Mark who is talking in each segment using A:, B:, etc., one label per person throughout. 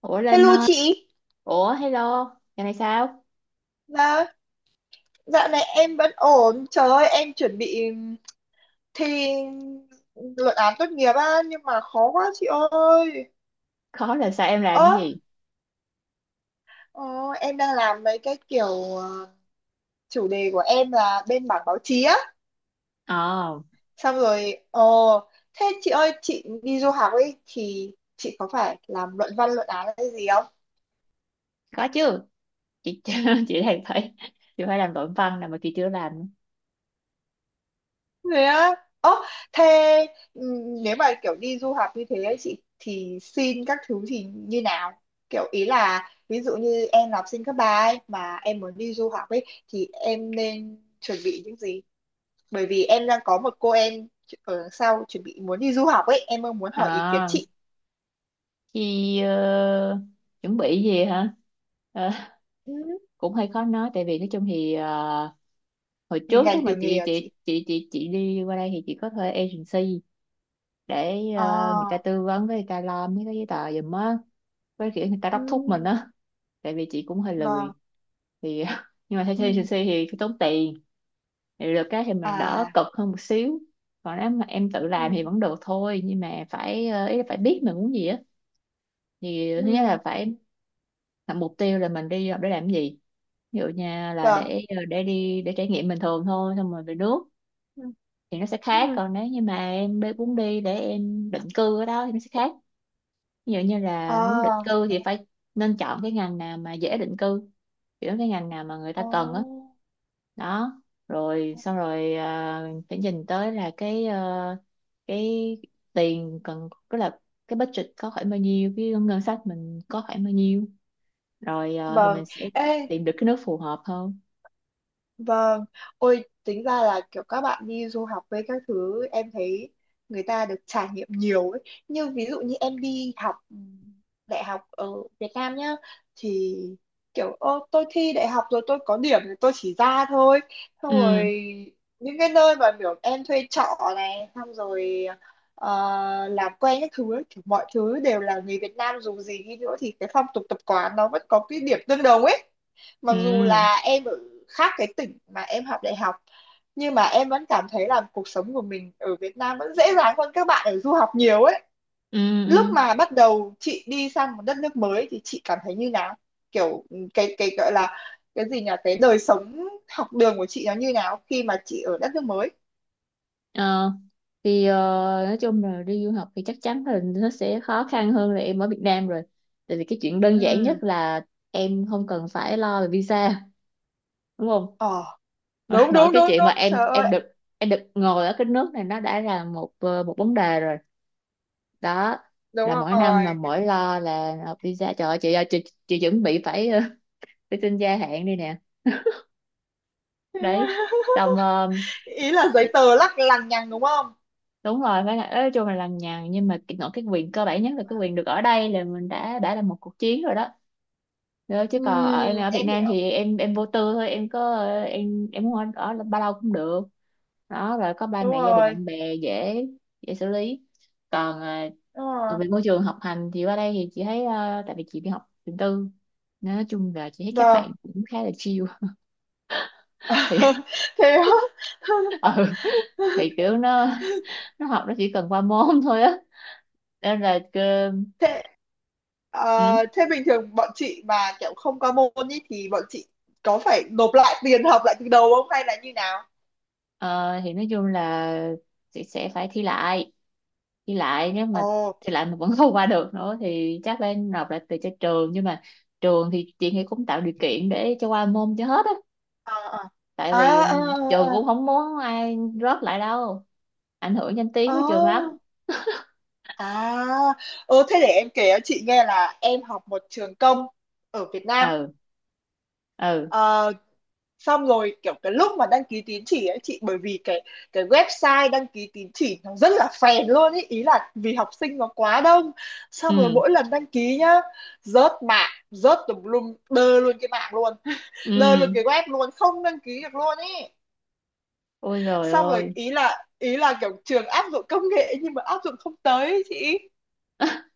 A: Ủa Linh
B: Hello
A: ơi,
B: chị,
A: ủa hello, giờ này sao?
B: dạ, dạo này em vẫn ổn, trời ơi em chuẩn bị thi luận án tốt nghiệp á, nhưng mà khó quá chị ơi.
A: Khó là sao em làm cái
B: Ơ,
A: gì?
B: ờ, em đang làm mấy cái kiểu ờ, chủ đề của em là bên mảng báo chí á,
A: Ờ,
B: xong rồi, thế chị ơi chị đi du học ấy thì chị có phải làm luận văn luận án hay gì?
A: có chứ. Chị chị đang phải chị phải làm luận văn là mà chị chưa làm.
B: Thế á. Ơ, thế ừm, nếu mà kiểu đi du học như thế ấy, chị thì xin các thứ thì như nào? Kiểu ý là ví dụ như em là học sinh cấp ba ấy mà em muốn đi du học ấy thì em nên chuẩn bị những gì? Bởi vì em đang có một cô em ở đằng sau chuẩn bị muốn đi du học ấy, em mong muốn hỏi ý kiến
A: Ờ,
B: chị.
A: chị chuẩn bị gì hả? Ờ,
B: Ừ.
A: cũng hơi khó nói tại vì nói chung thì hồi
B: Vì
A: trước
B: ngành
A: lúc mà
B: tiểu nghề
A: chị
B: à chị?
A: chị chị chị chị đi qua đây thì chị có thuê agency để người ta
B: À.
A: tư vấn với người ta lo mấy cái giấy tờ giùm á, với kiểu người ta đốc thúc mình
B: Ừ.
A: á, tại vì chị cũng hơi
B: Vâng.
A: lười thì nhưng mà theo
B: Ừ.
A: agency thì cái tốn tiền thì được cái thì mình đỡ
B: À.
A: cực hơn một xíu còn nếu mà em tự làm
B: Ừ.
A: thì vẫn được thôi nhưng mà phải ý là phải biết mình muốn gì á thì thứ nhất
B: Ừ,
A: là phải là mục tiêu là mình đi học để làm cái gì ví dụ như là
B: vâng.
A: để để đi để trải nghiệm bình thường thôi xong rồi về nước
B: Ừ.
A: thì nó sẽ khác
B: Ừ.
A: còn nếu như mà muốn đi để em định cư ở đó thì nó sẽ khác ví dụ như là muốn định
B: À.
A: cư thì phải nên chọn cái ngành nào mà dễ định cư kiểu cái ngành nào mà người ta cần á
B: Oh.
A: đó rồi xong rồi à, phải nhìn tới là cái cái tiền cần tức là cái budget có khoảng bao nhiêu cái ngân sách mình có khoảng bao nhiêu rồi thì
B: Vâng.
A: mình sẽ
B: Ê.
A: tìm được cái nước phù hợp hơn
B: Vâng, ôi tính ra là kiểu các bạn đi du học với các thứ em thấy người ta được trải nghiệm nhiều ấy. Như ví dụ như em đi học đại học ở Việt Nam nhá, thì kiểu ô tôi thi đại học rồi tôi có điểm thì tôi chỉ ra thôi. Xong
A: ừ
B: rồi những cái nơi mà kiểu em thuê trọ này xong rồi ờ, làm quen các thứ ấy, kiểu mọi thứ đều là người Việt Nam, dù gì đi nữa thì cái phong tục tập quán nó vẫn có cái điểm tương đồng ấy, mặc dù
A: ừ
B: là em ở khác cái tỉnh mà em học đại học, nhưng mà em vẫn cảm thấy là cuộc sống của mình ở Việt Nam vẫn dễ dàng hơn các bạn ở du học nhiều ấy.
A: ừ
B: Lúc
A: ừ
B: mà bắt đầu chị đi sang một đất nước mới thì chị cảm thấy như nào? Kiểu cái gọi là cái gì nhỉ, cái đời sống học đường của chị nó như nào khi mà chị ở đất nước mới?
A: Ờ, thì nói chung là đi du học thì chắc chắn là nó sẽ khó khăn hơn là em ở Việt Nam rồi tại vì cái chuyện đơn giản nhất
B: Ừ.
A: là em không cần phải lo về visa đúng không
B: Ờ, đúng
A: nói
B: đúng
A: cái
B: đúng
A: chuyện mà
B: đúng,
A: em
B: trời
A: em
B: ơi.
A: được em được ngồi ở cái nước này nó đã là một một vấn đề rồi đó
B: Đúng
A: là mỗi năm là
B: rồi.
A: mỗi lo là nộp visa trời ơi, chị ơi chị, chuẩn bị phải xin gia hạn đi nè đấy xong
B: Ý là giấy tờ lắc lằng nhằng đúng không?
A: đúng rồi phải là nói chung là lằng nhằng nhưng mà nói cái quyền cơ bản nhất là cái quyền được ở đây là mình đã là một cuộc chiến rồi đó Đó, chứ
B: Ừ.
A: còn ở em ở Việt
B: Em
A: Nam
B: hiểu.
A: thì em vô tư thôi em có em muốn ở ở bao lâu cũng được đó rồi có ba
B: Đúng
A: mẹ gia đình
B: rồi.
A: bạn bè dễ dễ xử lý còn à,
B: Đúng rồi.
A: còn về môi trường học hành thì qua đây thì chị thấy à, tại vì chị đi học trường tư nên nói chung là chị thấy các
B: Vâng.
A: bạn cũng khá là chill thì
B: Thế á?
A: ừ thì kiểu nó học nó chỉ cần qua môn thôi á nên là
B: Thế
A: ừ,
B: thế bình thường bọn chị mà kiểu không qua môn ý, thì bọn chị có phải nộp lại tiền học lại từ đầu không hay là như nào?
A: ờ, thì nói chung là chị sẽ phải thi lại đi lại nếu
B: Ồ.
A: mà thì lại mà vẫn không qua được nữa thì chắc phải nộp lại từ cho trường nhưng mà trường thì chị nghĩ cũng tạo điều kiện để cho qua môn cho hết á
B: À
A: tại
B: à.
A: vì
B: À
A: trường
B: à.
A: cũng
B: À.
A: không muốn ai rớt lại đâu ảnh hưởng danh tiếng của trường lắm
B: À. À. Ờ, thế để em kể cho chị nghe là em học một trường công ở Việt Nam.
A: ừ ừ
B: Ờ, xong rồi kiểu cái lúc mà đăng ký tín chỉ ấy chị, bởi vì cái website đăng ký tín chỉ nó rất là phèn luôn ý, ý là vì học sinh nó quá đông, xong rồi
A: ừ
B: mỗi lần đăng ký nhá rớt mạng rớt tùm lum, đơ luôn cái mạng luôn đơ luôn
A: ừ
B: cái web luôn, không đăng ký được luôn ý.
A: ôi rồi
B: Xong rồi
A: ơi
B: ý là kiểu trường áp dụng công nghệ nhưng mà áp dụng không tới ý chị.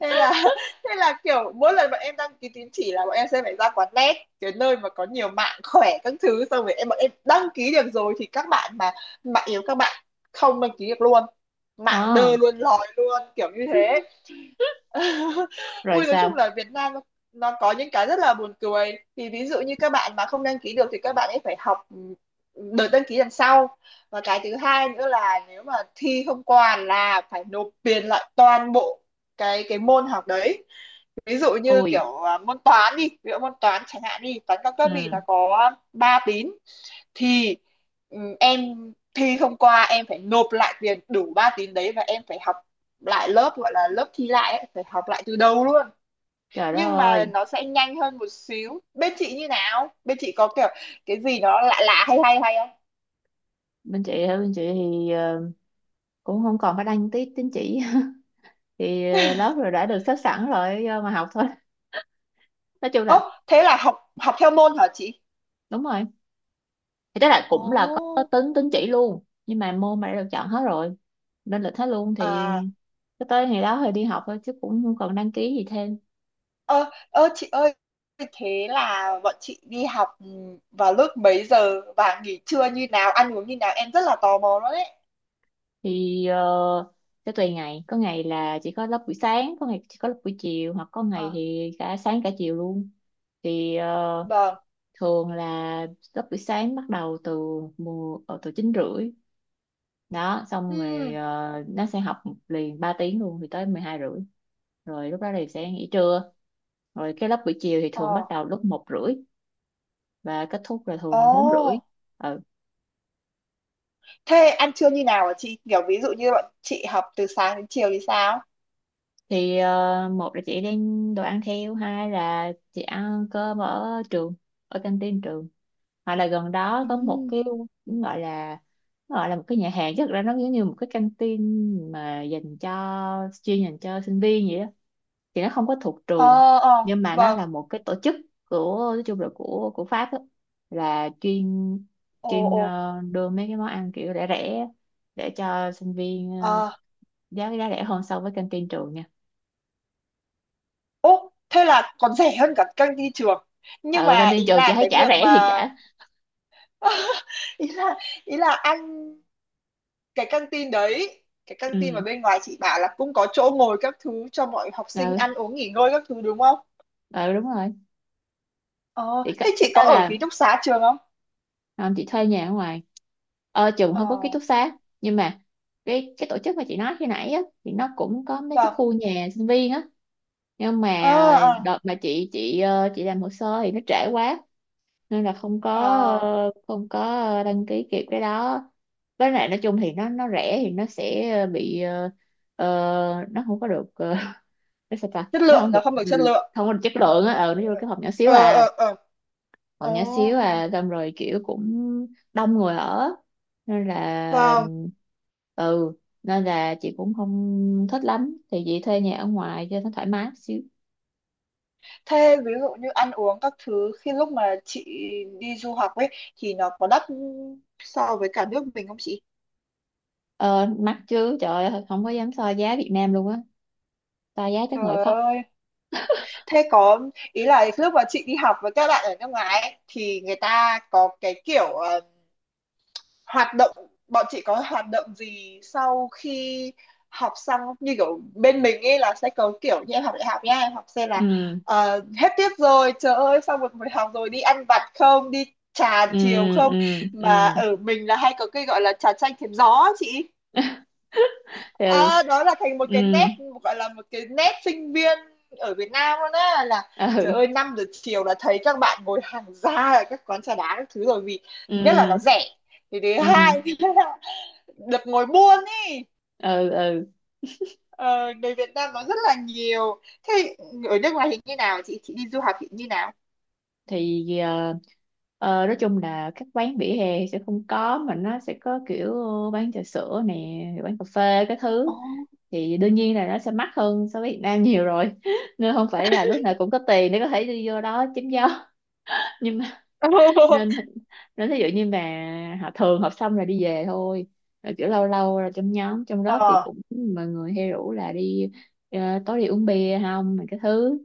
B: Thế là thế là kiểu mỗi lần bọn em đăng ký tín chỉ là bọn em sẽ phải ra quán net, cái nơi mà có nhiều mạng khỏe các thứ, xong rồi em bọn em đăng ký được rồi thì các bạn mà mạng yếu các bạn không đăng ký được luôn, mạng đơ
A: ờ
B: luôn lòi luôn kiểu như thế.
A: rồi
B: Ui, nói chung
A: sao
B: là Việt Nam nó có những cái rất là buồn cười. Thì ví dụ như các bạn mà không đăng ký được thì các bạn ấy phải học đợt đăng ký lần sau. Và cái thứ hai nữa là nếu mà thi không qua là phải nộp tiền lại toàn bộ cái môn học đấy. Ví dụ như
A: ui
B: kiểu à, môn toán đi, ví dụ môn toán chẳng hạn đi, toán cao cấp thì nó
A: ừ
B: có 3 tín. Thì em thi không qua em phải nộp lại tiền đủ 3 tín đấy và em phải học lại lớp gọi là lớp thi lại ấy, phải học lại từ đầu luôn.
A: trời đất
B: Nhưng mà
A: ơi
B: nó sẽ nhanh hơn một xíu. Bên chị như nào, bên chị có kiểu cái gì nó lạ lạ hay hay hay không?
A: bên chị hả bên chị thì cũng không còn phải đăng tí tín chỉ thì lớp rồi đã được xếp sẵn rồi do mà học thôi nói chung là
B: Ố thế là học học theo môn hả chị?
A: đúng rồi thì tức là cũng là có
B: Ồ.
A: tính tín chỉ luôn nhưng mà môn mà đã được chọn hết rồi nên lịch hết luôn thì
B: À.
A: cứ tới ngày đó thì đi học thôi chứ cũng không còn đăng ký gì thêm
B: Ơ ơ chị ơi, thế là bọn chị đi học vào lúc mấy giờ và nghỉ trưa như nào, ăn uống như nào, em rất là tò mò đó đấy.
A: thì sẽ tùy ngày có ngày là chỉ có lớp buổi sáng có ngày chỉ có lớp buổi chiều hoặc có ngày
B: À.
A: thì cả sáng cả chiều luôn thì
B: Vâng.
A: thường là lớp buổi sáng bắt đầu từ mùa từ 9:30 đó xong
B: Ừ.
A: rồi nó sẽ học liền 3 tiếng luôn thì tới 12:30 rồi lúc đó thì sẽ nghỉ trưa rồi cái lớp buổi chiều thì thường
B: Ờ,
A: bắt đầu lúc 1:30 và kết thúc là thường 4:30
B: ồ.
A: ừ.
B: Thế ăn trưa như nào hả chị? Kiểu ví dụ như bọn chị học từ sáng đến chiều thì sao?
A: thì một là chị đem đồ ăn theo hai là chị ăn cơm ở trường ở canteen trường hoặc là gần đó
B: Ừ.
A: có một cái cũng gọi là nó gọi là một cái nhà hàng chứ thực ra nó giống như một cái canteen mà dành cho chuyên dành cho sinh viên vậy đó thì nó không có thuộc trường
B: Ờ, ờ,
A: nhưng mà nó
B: vâng.
A: là một cái tổ chức của nói chung là của Pháp á, là chuyên
B: Ồ,
A: chuyên
B: ồ.
A: ờ, đưa mấy cái món ăn kiểu rẻ rẻ để cho sinh viên
B: Ờ.
A: giá giá rẻ hơn so với canteen trường nha
B: Ồ, thế là còn rẻ hơn cả căng đi trường. Nhưng
A: ừ
B: mà
A: canteen
B: ý
A: trường chị
B: là
A: thấy
B: cái
A: chả
B: việc
A: rẻ
B: mà...
A: gì cả
B: ý là ý là ăn cái căng tin đấy, cái căng tin mà
A: ừ
B: bên ngoài chị bảo là cũng có chỗ ngồi các thứ cho mọi học sinh
A: ừ,
B: ăn uống nghỉ ngơi các thứ đúng không?
A: ừ đúng rồi
B: Ờ,
A: thì
B: thế
A: cái
B: chị có
A: đó
B: ở
A: là
B: ký túc xá trường không?
A: ờ, chị thuê nhà ở ngoài trường
B: Ờ,
A: không có ký túc xá nhưng mà cái tổ chức mà chị nói khi nãy á thì nó cũng có mấy cái
B: vâng.
A: khu nhà sinh viên á nhưng
B: Ờ,
A: mà
B: ờ,
A: đợt mà chị làm hồ sơ thì nó trễ quá nên là không có
B: ờ.
A: không có đăng ký kịp cái đó với lại nói chung thì nó rẻ thì nó sẽ bị nó không có được nó sao ta
B: Chất
A: nó
B: lượng
A: không được
B: nó không được chất lượng.
A: không có được chất lượng á nó vô cái phòng nhỏ xíu
B: Ờ
A: à
B: ờ ờ.
A: phòng
B: Ồ.
A: nhỏ xíu à xong rồi kiểu cũng đông người ở nên là
B: Vâng.
A: ừ nên là chị cũng không thích lắm thì chị thuê nhà ở ngoài cho nó thoải mái xíu
B: Thế ví dụ như ăn uống các thứ khi lúc mà chị đi du học ấy thì nó có đắt so với cả nước mình không chị?
A: Ờ, mắc chứ trời ơi không có dám so giá Việt Nam luôn á so giá chắc ngồi
B: Trời
A: khóc
B: ơi. Thế có. Ý là lúc mà chị đi học với các bạn ở nước ngoài ấy, thì người ta có cái kiểu hoạt động, bọn chị có hoạt động gì sau khi học xong, như kiểu bên mình ấy là sẽ có kiểu như em học đại học nha, em học xem là
A: ừ
B: hết tiết rồi trời ơi xong một buổi học rồi đi ăn vặt không, đi trà
A: ừ
B: chiều không,
A: ừ
B: mà
A: ừ
B: ở mình là hay có cái gọi là trà chanh thềm gió á chị.
A: ừ
B: À, đó là thành một
A: ừ
B: cái nét, gọi là một cái nét sinh viên ở Việt Nam luôn á, là trời
A: ừ
B: ơi 5 giờ chiều là thấy các bạn ngồi hàng ra ở các quán trà đá các thứ rồi, vì
A: ừ
B: nhất là nó rẻ, thì thứ
A: ừ
B: hai được ngồi buôn ý.
A: ừ ừ.
B: Ờ, người Việt Nam nó rất là nhiều. Thế ở nước ngoài thì như nào chị đi du học thì như nào?
A: thì nói chung là các quán vỉa hè sẽ không có mà nó sẽ có kiểu bán trà sữa nè bán cà phê cái thứ
B: Ồ.
A: thì đương nhiên là nó sẽ mắc hơn so với Việt Nam nhiều rồi nên không phải là lúc nào cũng có tiền để có thể đi vô đó chém gió nhưng mà nên nên ví dụ như mà họ thường họp xong là đi về thôi rồi kiểu lâu lâu là trong nhóm trong lớp thì
B: Ờ
A: cũng mọi người hay rủ là đi ờ, tối đi uống bia không mà cái thứ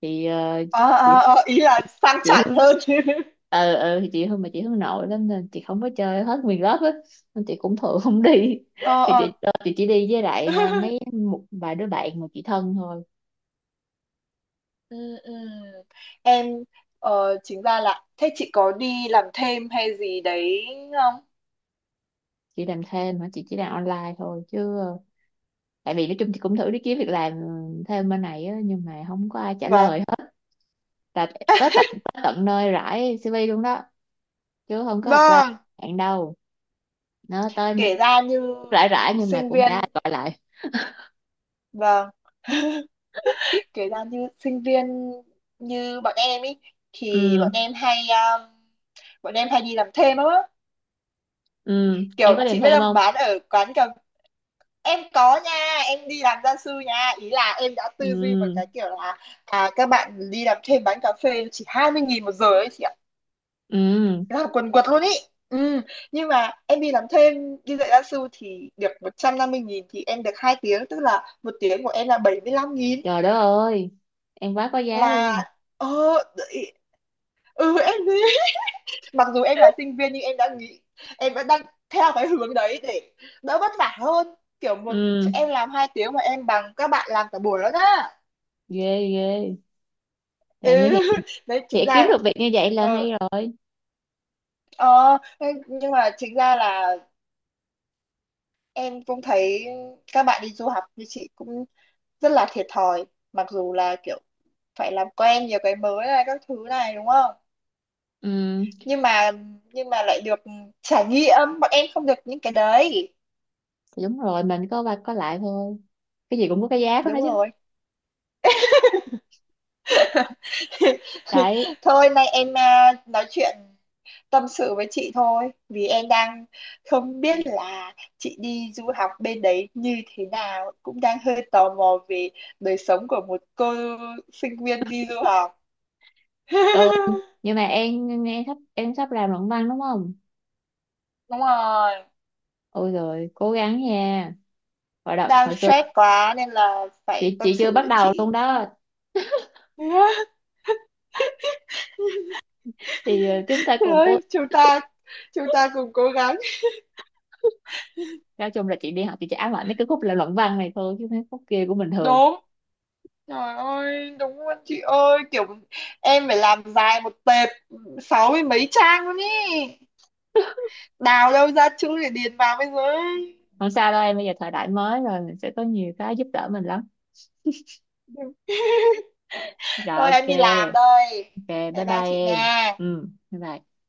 A: thì
B: ờ
A: chị
B: ờ. Ờ, ý là sang chảnh
A: Hương
B: hơn.
A: ừ ừ thì chị Hương mà chị Hương nội lắm nên chị không có chơi hết nguyên lớp á nên chị cũng thường không đi
B: Ờ
A: thì
B: ờ.
A: chị chỉ đi với lại mấy một vài đứa bạn mà chị thân thôi
B: Ừ, ừ. Em chính ra là thế chị có đi làm thêm hay gì đấy không?
A: chị làm thêm mà chị chỉ làm online thôi chứ tại vì nói chung thì cũng thử đi kiếm việc làm thêm bên này á, nhưng mà không có ai trả
B: Vâng.
A: lời hết là tới tận nơi rải CV luôn đó chứ không có apply
B: Vâng.
A: bạn đâu nó tới
B: Kể ra như
A: rải rải nhưng mà
B: sinh
A: cũng chả ai
B: viên.
A: gọi lại
B: Vâng. Kể ra như sinh viên như bọn em ý thì
A: ừ
B: bọn em hay đi làm thêm lắm á,
A: ừ em
B: kiểu
A: có
B: chị
A: tìm
B: biết
A: thêm
B: không,
A: không
B: bán ở quán cà, em có nha, em đi làm gia sư nha, ý là em đã tư duy một cái
A: ừ
B: kiểu là à các bạn đi làm thêm bán cà phê chỉ 20.000 một giờ ấy chị ạ,
A: ừ
B: làm quần quật luôn ý. Ừ. Nhưng mà em đi làm thêm đi dạy gia sư thì được 150.000 thì em được 2 tiếng, tức là 1 tiếng của em là 75 nghìn,
A: trời đất ơi em quá có giá luôn
B: là ờ đấy. Ừ em mặc dù em là sinh viên nhưng em đã nghĩ em vẫn đang theo cái hướng đấy để đỡ vất vả hơn, kiểu một
A: ừ
B: em làm 2 tiếng mà em bằng các bạn làm cả buổi đó nhá.
A: ghê ghê
B: Ừ.
A: trời như hiện
B: Đấy chính
A: hiện kiếm
B: ra
A: được việc như vậy là
B: ờ,
A: hay rồi
B: ờ, nhưng mà chính ra là em cũng thấy các bạn đi du học như chị cũng rất là thiệt thòi, mặc dù là kiểu phải làm quen nhiều cái mới này các thứ này đúng không,
A: ừ
B: nhưng mà nhưng mà lại được trải nghiệm bọn em không được những cái đấy.
A: thì đúng rồi mình có qua có lại thôi cái gì cũng có cái giá của nó
B: Đúng
A: chứ
B: rồi.
A: đấy
B: Thôi nay em nói chuyện tâm sự với chị thôi vì em đang không biết là chị đi du học bên đấy như thế nào, cũng đang hơi tò mò về đời sống của một cô sinh viên đi du học.
A: Ừ nhưng mà em nghe sắp em sắp làm luận văn đúng không
B: Đúng rồi,
A: ôi rồi cố gắng nha hồi đợt
B: đang
A: hồi xưa
B: stress quá nên là phải tâm
A: chị chưa
B: sự
A: bắt
B: với
A: đầu luôn
B: chị.
A: đó thì chúng ta cùng cố
B: Rồi, chúng ta cùng cố gắng.
A: nói chung là chị đi học chị chỉ ám ảnh đến cái khúc là luận văn này thôi chứ mấy khúc kia cũng bình thường
B: Đúng. Trời ơi, đúng luôn chị ơi, kiểu em phải làm dài một tệp sáu mươi mấy trang luôn ý. Đào đâu ra chữ để điền vào bây giờ ấy.
A: không sao đâu em bây giờ thời đại mới rồi mình sẽ có nhiều cái giúp đỡ mình lắm rồi
B: Thôi
A: ok
B: em đi làm đây.
A: ok bye
B: Bye bye
A: bye
B: chị
A: em
B: nha.
A: ừ bye bye